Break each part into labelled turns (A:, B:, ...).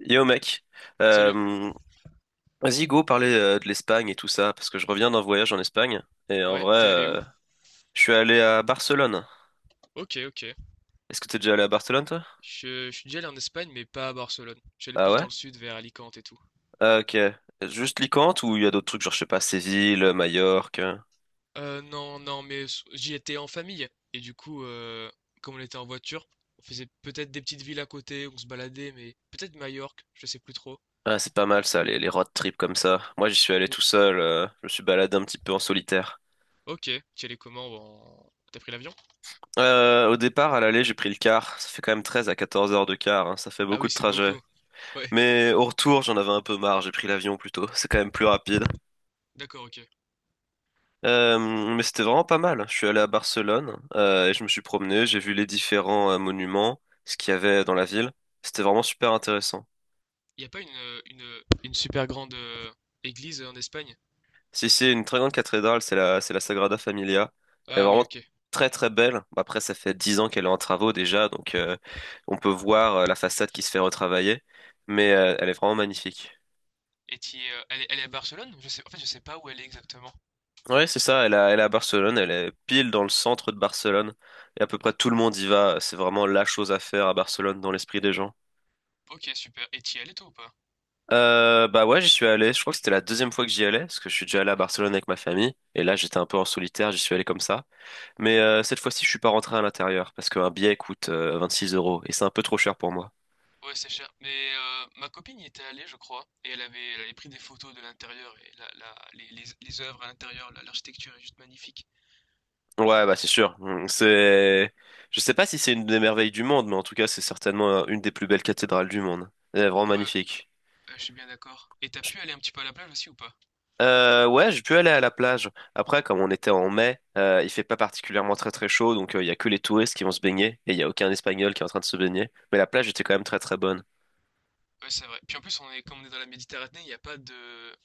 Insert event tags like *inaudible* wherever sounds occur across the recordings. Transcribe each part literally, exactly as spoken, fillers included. A: Yo mec,
B: Salut.
A: euh, vas-y go parler euh, de l'Espagne et tout ça, parce que je reviens d'un voyage en Espagne, et en
B: Ouais,
A: vrai,
B: t'es allé où?
A: euh, je suis allé à Barcelone.
B: Ok, ok.
A: Est-ce que t'es déjà allé à Barcelone toi?
B: Je, je suis déjà allé en Espagne, mais pas à Barcelone. J'allais
A: Ah
B: plus dans
A: ouais?
B: le sud, vers Alicante et tout.
A: Ah, ok. Juste Alicante ou il y a d'autres trucs, genre je sais pas, Séville, Majorque. euh.
B: Euh, non, non, mais s- j'y étais en famille. Et du coup, euh, comme on était en voiture, on faisait peut-être des petites villes à côté, on se baladait, mais peut-être Majorque, je sais plus trop.
A: Ah c'est pas mal ça, les, les road trips comme ça. Moi j'y suis allé
B: Ou-
A: tout seul, euh, je me suis baladé un petit peu en solitaire.
B: ok, t'y allais comment? en- T'as pris l'avion?
A: Euh, au départ, à l'aller, j'ai pris le car. Ça fait quand même treize à quatorze heures de car, hein, ça fait
B: Ah
A: beaucoup
B: oui,
A: de
B: c'est
A: trajet.
B: beaucoup. Ouais,
A: Mais au retour, j'en avais un peu marre, j'ai pris l'avion plutôt, c'est quand même plus rapide.
B: d'accord, ok.
A: Euh, mais c'était vraiment pas mal. Je suis allé à Barcelone euh, et je me suis promené, j'ai vu les différents euh, monuments, ce qu'il y avait dans la ville. C'était vraiment super intéressant.
B: Y a pas une, euh, une, une super grande euh, église en Espagne?
A: Si c'est une très grande cathédrale, c'est la, c'est la Sagrada Familia. Elle est
B: Ah oui,
A: vraiment
B: ok.
A: très très belle. Après, ça fait dix ans qu'elle est en travaux déjà, donc euh, on peut voir euh, la façade qui se fait retravailler, mais euh, elle est vraiment magnifique.
B: Et t'y, euh, elle est, elle est à Barcelone? Je sais, en fait, je sais pas où elle est exactement.
A: Ouais, c'est ça. Elle est elle est à Barcelone. Elle est pile dans le centre de Barcelone et à peu près tout le monde y va. C'est vraiment la chose à faire à Barcelone dans l'esprit des gens.
B: Ok, super. Et t'y es allé toi ou pas?
A: Euh, bah ouais, j'y suis allé. Je crois que c'était la deuxième fois que j'y allais, parce que je suis déjà allé à Barcelone avec ma famille. Et là, j'étais un peu en solitaire, j'y suis allé comme ça. Mais euh, cette fois-ci, je suis pas rentré à l'intérieur, parce qu'un billet coûte euh, six euros, et c'est un peu trop cher pour moi.
B: Ouais, c'est cher. Mais euh, ma copine y était allée, je crois, et elle avait, elle avait pris des photos de l'intérieur, et la, la- les, les, les œuvres à l'intérieur, la- l'architecture est juste magnifique.
A: Ouais, bah c'est sûr. Mm, C'est, je sais pas si c'est une des merveilles du monde, mais en tout cas, c'est certainement euh, une des plus belles cathédrales du monde. Elle est vraiment
B: Ouais, ouais,
A: magnifique.
B: je suis bien d'accord. Et t'as pu aller un petit peu à la plage aussi ou pas?
A: Euh, ouais, j'ai pu aller à la plage. Après, comme on était en mai, euh, il fait pas particulièrement très très chaud, donc euh, il y a que les touristes qui vont se baigner et il y a aucun Espagnol qui est en train de se baigner. Mais la plage était quand même très très bonne.
B: Ouais, c'est vrai. Puis en plus, on est, comme on est dans la Méditerranée, il n'y a pas de,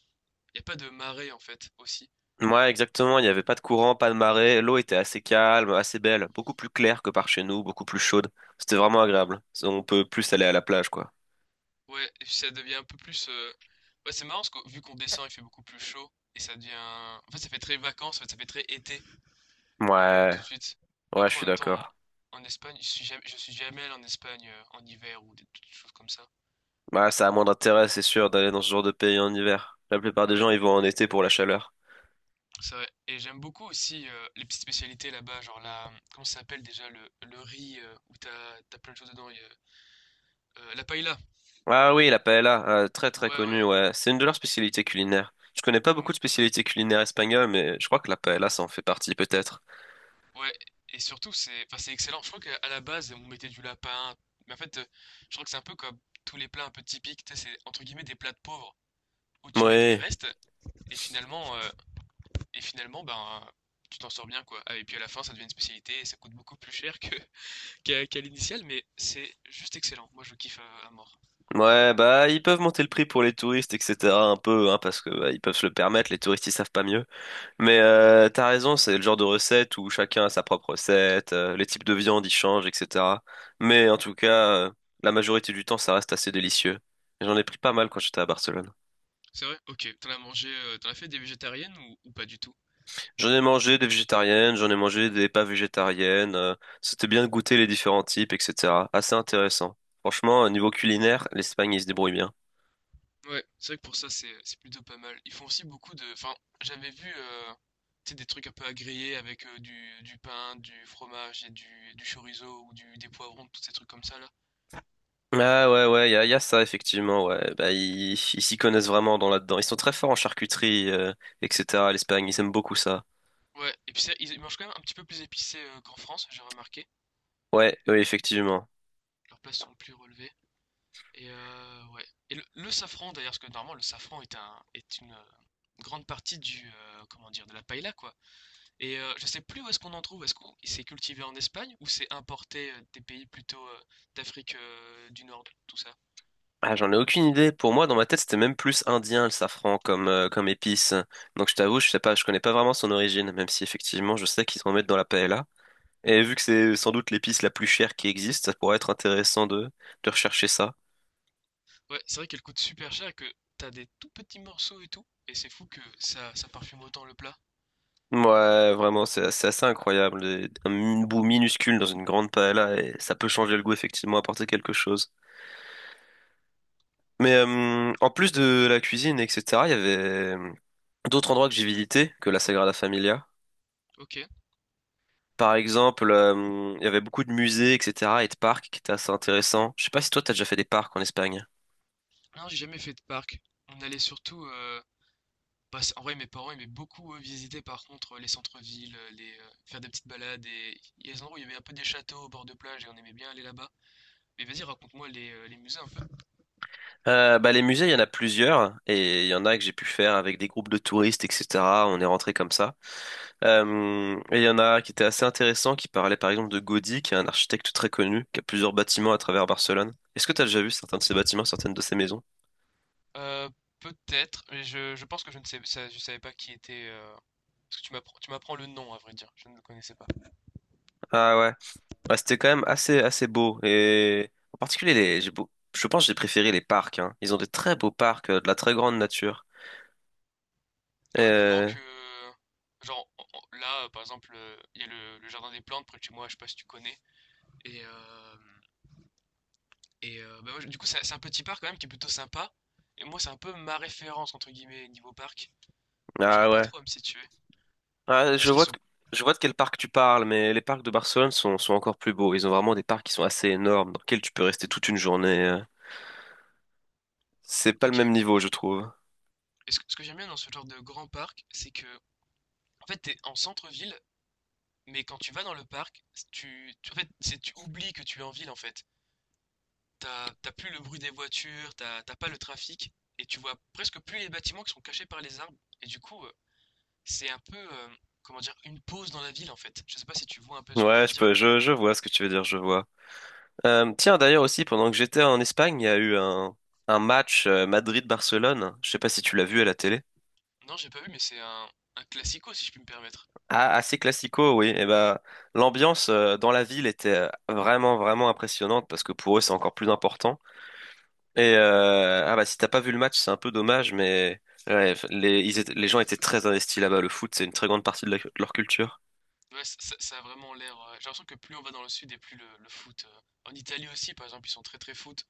B: il y a pas de marée en fait, aussi.
A: Ouais, exactement. Il n'y avait pas de courant, pas de marée. L'eau était assez calme, assez belle, beaucoup plus claire que par chez nous, beaucoup plus chaude. C'était vraiment agréable. On peut plus aller à la plage, quoi.
B: Ouais, et puis ça devient un peu plus... euh, Ouais, c'est marrant, parce que vu qu'on descend, il fait beaucoup plus chaud, et ça devient... En fait, ça fait très vacances, en fait, ça fait très été. Euh,
A: Ouais,
B: tout de suite. Bon,
A: ouais, je
B: après, en
A: suis
B: même temps,
A: d'accord.
B: en, Espagne, je suis jamais, je suis jamais allé en Espagne euh, en hiver ou des, toutes choses comme ça.
A: Bah, ça a moins d'intérêt, c'est sûr, d'aller dans ce genre de pays en hiver. La plupart des
B: Ouais,
A: gens, ils vont en été pour la chaleur.
B: c'est vrai. Et j'aime beaucoup aussi euh, les petites spécialités là-bas, genre la, comment ça s'appelle déjà, le, le riz euh, où t'as, t'as plein de choses dedans. Il y a- euh, la paella.
A: Ah oui, la paella, euh, très très
B: Ouais,
A: connue,
B: ouais.
A: ouais. C'est une de leurs spécialités culinaires. Je connais pas
B: Mm,
A: beaucoup de spécialités culinaires espagnoles, mais je crois que la paella, ça en fait partie peut-être.
B: ouais. Et surtout, c'est, enfin, c'est excellent. Je crois qu'à à la base, on mettait du lapin. Mais en fait, euh, je crois que c'est un peu comme tous les plats un peu typiques. Tu sais, c'est entre guillemets des plats de pauvres où tu mets des
A: Oui.
B: restes et finalement, euh, Et finalement, ben, tu t'en sors bien, quoi. Ah, et puis à la fin, ça devient une spécialité et ça coûte beaucoup plus cher que, *laughs* qu'à, qu'à l'initiale, mais c'est juste excellent. Moi, je kiffe à, à mort.
A: Ouais, bah ils peuvent monter le prix pour les touristes, et cetera un peu, hein, parce que bah, ils peuvent se le permettre, les touristes ils savent pas mieux. Mais euh, t'as raison, c'est le genre de recette où chacun a sa propre recette, euh, les types de viande ils changent, et cetera. Mais en tout cas, euh, la majorité du temps ça reste assez délicieux. J'en ai pris pas mal quand j'étais à Barcelone.
B: C'est vrai? Ok. T'en as mangé, euh, t'en as fait des végétariennes ou, ou pas du tout?
A: J'en ai mangé des végétariennes, j'en ai mangé des pas végétariennes. euh, C'était bien de goûter les différents types, et cetera. Assez intéressant. Franchement, euh, niveau culinaire, l'Espagne, ils se débrouillent bien.
B: Ouais, c'est vrai que pour ça, c'est, c'est plutôt pas mal. Ils font aussi beaucoup de. Enfin, j'avais vu euh, tu sais, des trucs un peu à griller avec euh, du, du pain, du fromage et du, du chorizo ou du, des poivrons, tous ces trucs comme ça, là.
A: Ah ouais, ouais, il y a, y a ça, effectivement, ouais. Bah, ils ils s'y connaissent vraiment dans là-dedans. Ils sont très forts en charcuterie, euh, et cetera. L'Espagne, ils aiment beaucoup ça.
B: Ouais, et puis ça, ils ils mangent quand même un petit peu plus épicé euh, qu'en France, j'ai remarqué.
A: Ouais, oui, effectivement.
B: Leurs plats sont plus relevés. Et euh, ouais. Et le, le safran d'ailleurs, parce que normalement le safran est un est une euh, grande partie du euh, comment dire de la paella quoi. Et euh, je sais plus où est-ce qu'on en trouve. Est-ce qu'on c'est cultivé en Espagne ou c'est importé euh, des pays plutôt euh, d'Afrique euh, du Nord, tout ça.
A: Ah, j'en ai aucune idée. Pour moi, dans ma tête, c'était même plus indien, le safran, comme, euh, comme épice. Donc, je t'avoue, je sais pas, je connais pas vraiment son origine, même si, effectivement, je sais qu'ils en mettent dans la paella. Et vu que c'est sans doute l'épice la plus chère qui existe, ça pourrait être intéressant de, de, rechercher ça.
B: Ouais, c'est vrai qu'elle coûte super cher et que t'as des tout petits morceaux et tout. Et c'est fou que ça ça parfume autant le plat.
A: Ouais, vraiment, c'est c'est assez incroyable. Et un bout minuscule dans une grande paella, et ça peut changer le goût, effectivement, apporter quelque chose. Mais euh, en plus de la cuisine, et cetera, il y avait euh, d'autres endroits que j'ai visités que la Sagrada Familia.
B: Ok.
A: Par exemple, euh, il y avait beaucoup de musées, et cetera, et de parcs qui étaient assez intéressants. Je sais pas si toi, t'as déjà fait des parcs en Espagne.
B: Non, j'ai jamais fait de parc. On allait surtout euh, bah, en vrai, mes parents aimaient beaucoup euh, visiter par contre euh, les centres-villes, euh, les, euh, faire des petites balades et il y a des endroits où il y avait un peu des châteaux au bord de plage et on aimait bien aller là-bas. Mais vas-y, raconte-moi les, euh, les musées un peu.
A: Euh, bah, les musées, il y en a plusieurs, et il y en a que j'ai pu faire avec des groupes de touristes, et cetera. On est rentré comme ça. Euh, et il y en a qui étaient assez intéressants, qui parlaient par exemple de Gaudí, qui est un architecte très connu, qui a plusieurs bâtiments à travers Barcelone. Est-ce que t'as déjà vu certains de ces bâtiments, certaines de ces maisons?
B: Euh, Peut-être, mais je, je pense que je ne sais, ça- je savais pas qui était. euh, Parce que tu m'apprends, tu m'apprends le nom à vrai dire, je ne le connaissais pas.
A: Ah ouais. Ouais, c'était quand même assez, assez beau. Et en particulier, les, j'ai beau- je pense que j'ai préféré les parcs, hein. Ils ont des très beaux parcs, euh, de la très grande nature.
B: Ah ouais, plus grand
A: Euh,
B: que. Genre en- en- là, euh, par exemple, euh, il y a le, le jardin des plantes près de chez moi, je sais pas si tu connais. Et euh, Et euh, bah, moi, je- du coup, c'est c'est un petit parc quand même qui est plutôt sympa. Et moi, c'est un peu ma référence, entre guillemets, niveau parc. Donc, j'arrive
A: Ah
B: pas
A: ouais.
B: trop à me situer.
A: Ah, je
B: Est-ce qu'ils
A: vois de...
B: sont...
A: je vois de quel parc tu parles, mais les parcs de Barcelone sont, sont encore plus beaux. Ils ont vraiment des parcs qui sont assez énormes, dans lesquels tu peux rester toute une journée. euh. C'est pas le
B: Ok.
A: même niveau, je trouve.
B: Et ce que, ce que j'aime bien dans ce genre de grand parc, c'est que, en fait, t'es en centre-ville, mais quand tu vas dans le parc, tu, tu- en fait, c'est- tu oublies que tu es en ville, en fait. T'as, t'as plus le bruit des voitures, t'as, t'as pas le trafic, et tu vois presque plus les bâtiments qui sont cachés par les arbres. Et du coup, euh, c'est un peu, euh, comment dire, une pause dans la ville, en fait. Je sais pas si tu vois un peu ce que je
A: Ouais,
B: veux
A: je
B: dire.
A: peux, je, je vois ce que tu veux dire, je vois. Euh, tiens, d'ailleurs aussi, pendant que j'étais en Espagne, il y a eu un, un match euh, Madrid-Barcelone. Je sais pas si tu l'as vu à la télé.
B: Non, j'ai pas vu, mais c'est un, un classico, si je puis me permettre.
A: Ah, assez classico, oui. Et ben, l'ambiance euh, dans la ville était euh, vraiment, vraiment impressionnante parce que pour eux, c'est encore plus important. Et euh, ah bah, si t'as pas vu le match, c'est un peu dommage, mais ouais, les, ils étaient- les gens étaient très investis là-bas. Le foot, c'est une très grande partie de, la- de leur culture.
B: Ouais, ça, ça- ça a vraiment l'air. Euh, j'ai l'impression que plus on va dans le sud et plus le, le foot. euh, En Italie aussi, par exemple, ils sont très très foot.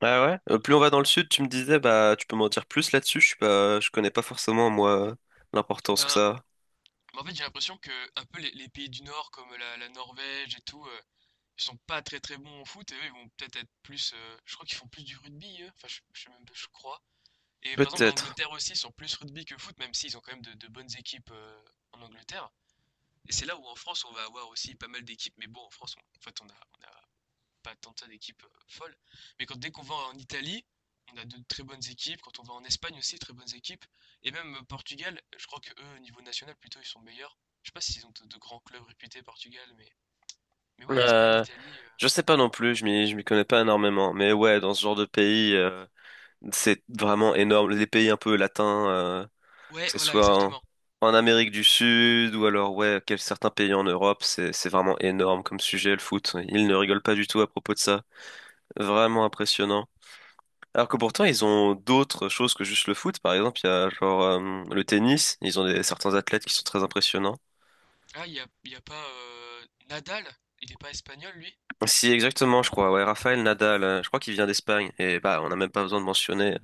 A: Ah ouais.
B: Et,
A: Euh, plus on va dans le sud, tu me disais, bah, tu peux m'en dire plus là-dessus. Je suis pas, je connais pas forcément moi l'importance que
B: ben,
A: ça a.
B: en fait, j'ai l'impression que un peu les, les pays du Nord, comme la, la Norvège et tout, euh, ils sont pas très très bons au foot et eux, ils vont peut-être être plus. euh, Je crois qu'ils font plus du rugby, eux. Enfin, je, je sais même pas, je crois. Et par exemple, en
A: Peut-être.
B: Angleterre aussi, ils sont plus rugby que foot, même s'ils ont quand même de, de bonnes équipes euh, en Angleterre. Et c'est là où en France, on va avoir aussi pas mal d'équipes, mais bon, en France, on- en fait, on a, on a pas tant que ça d'équipes euh, folles. Mais quand, dès qu'on va en Italie, on a de très bonnes équipes. Quand on va en Espagne aussi, très bonnes équipes. Et même euh, Portugal, je crois que eux, au niveau national, plutôt, ils sont meilleurs. Je sais pas s'ils ont de, de grands clubs réputés, Portugal, mais. Mais ouais, Espagne,
A: Euh,
B: Italie. euh,
A: je sais pas non plus. Je m'y, je m'y connais pas énormément. Mais ouais, dans ce genre de pays. C'est vraiment énorme. Les pays un peu latins, euh,
B: Ouais,
A: que ce
B: voilà,
A: soit en,
B: exactement.
A: en Amérique du Sud ou alors ouais, quel- certains pays en Europe, c'est c'est vraiment énorme comme sujet le foot. Ils ne rigolent pas du tout à propos de ça. Vraiment impressionnant. Alors que pourtant ils ont d'autres choses que juste le foot. Par exemple, il y a genre euh, le tennis. Ils ont des, certains athlètes qui sont très impressionnants.
B: Ah, il y a, il y a pas euh, Nadal? Il est pas espagnol, lui?
A: Si exactement, je crois. Ouais, Rafael Nadal. euh, je crois qu'il vient d'Espagne. Et bah, on n'a même pas besoin de mentionner. euh,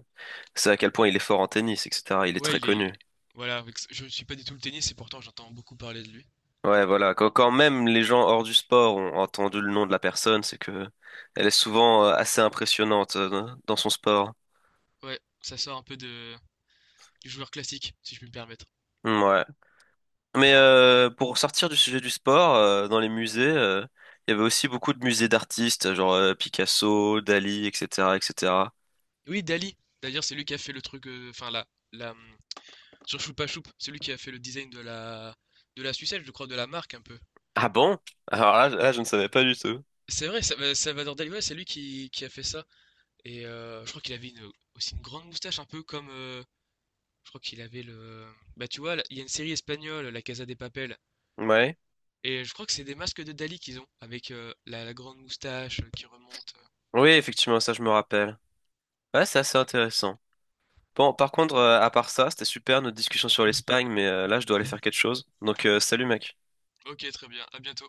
A: C'est à quel point il est fort en tennis, et cetera. Il est
B: Ouais,
A: très
B: il est.
A: connu.
B: Voilà, avec- je ne suis pas du tout le tennis et pourtant j'entends beaucoup parler de lui.
A: Ouais, voilà. Quand quand même les gens hors du sport ont entendu le nom de la personne, c'est que elle est souvent euh, assez impressionnante euh, dans son sport.
B: Ouais, ça sort un peu de... du joueur classique, si je puis me permettre.
A: Mm, ouais. Mais euh, pour sortir du sujet du sport, euh, dans les musées, euh, il y avait aussi beaucoup de musées d'artistes, genre euh, Picasso, Dali, et cetera, et cetera.
B: Oui, Dali. D'ailleurs, c'est lui qui a fait le truc, euh, enfin, la, la, hum, sur Choupa Choup, celui qui a fait le design de la, de la sucette, je crois, de la marque un peu.
A: Ah bon? Alors là, là, je ne savais pas du tout.
B: C'est vrai, Sa- Salvador Dali, ouais, c'est lui qui, qui a fait ça. Et euh, je crois qu'il avait une- aussi une grande moustache, un peu comme. euh, Je crois qu'il avait le. Bah, tu vois, là, il y a une série espagnole, La Casa des Papel.
A: Ouais.
B: Et je crois que c'est des masques de Dali qu'ils ont, avec euh, la, la grande moustache euh, qui remonte.
A: Oui, effectivement, ça, je me rappelle. Ouais, c'est assez intéressant. Bon, par contre, euh, à part ça, c'était super notre discussion sur l'Espagne, mais euh, là, je dois aller faire quelque chose. Donc, euh, salut, mec.
B: euh. Ok, très bien, à bientôt.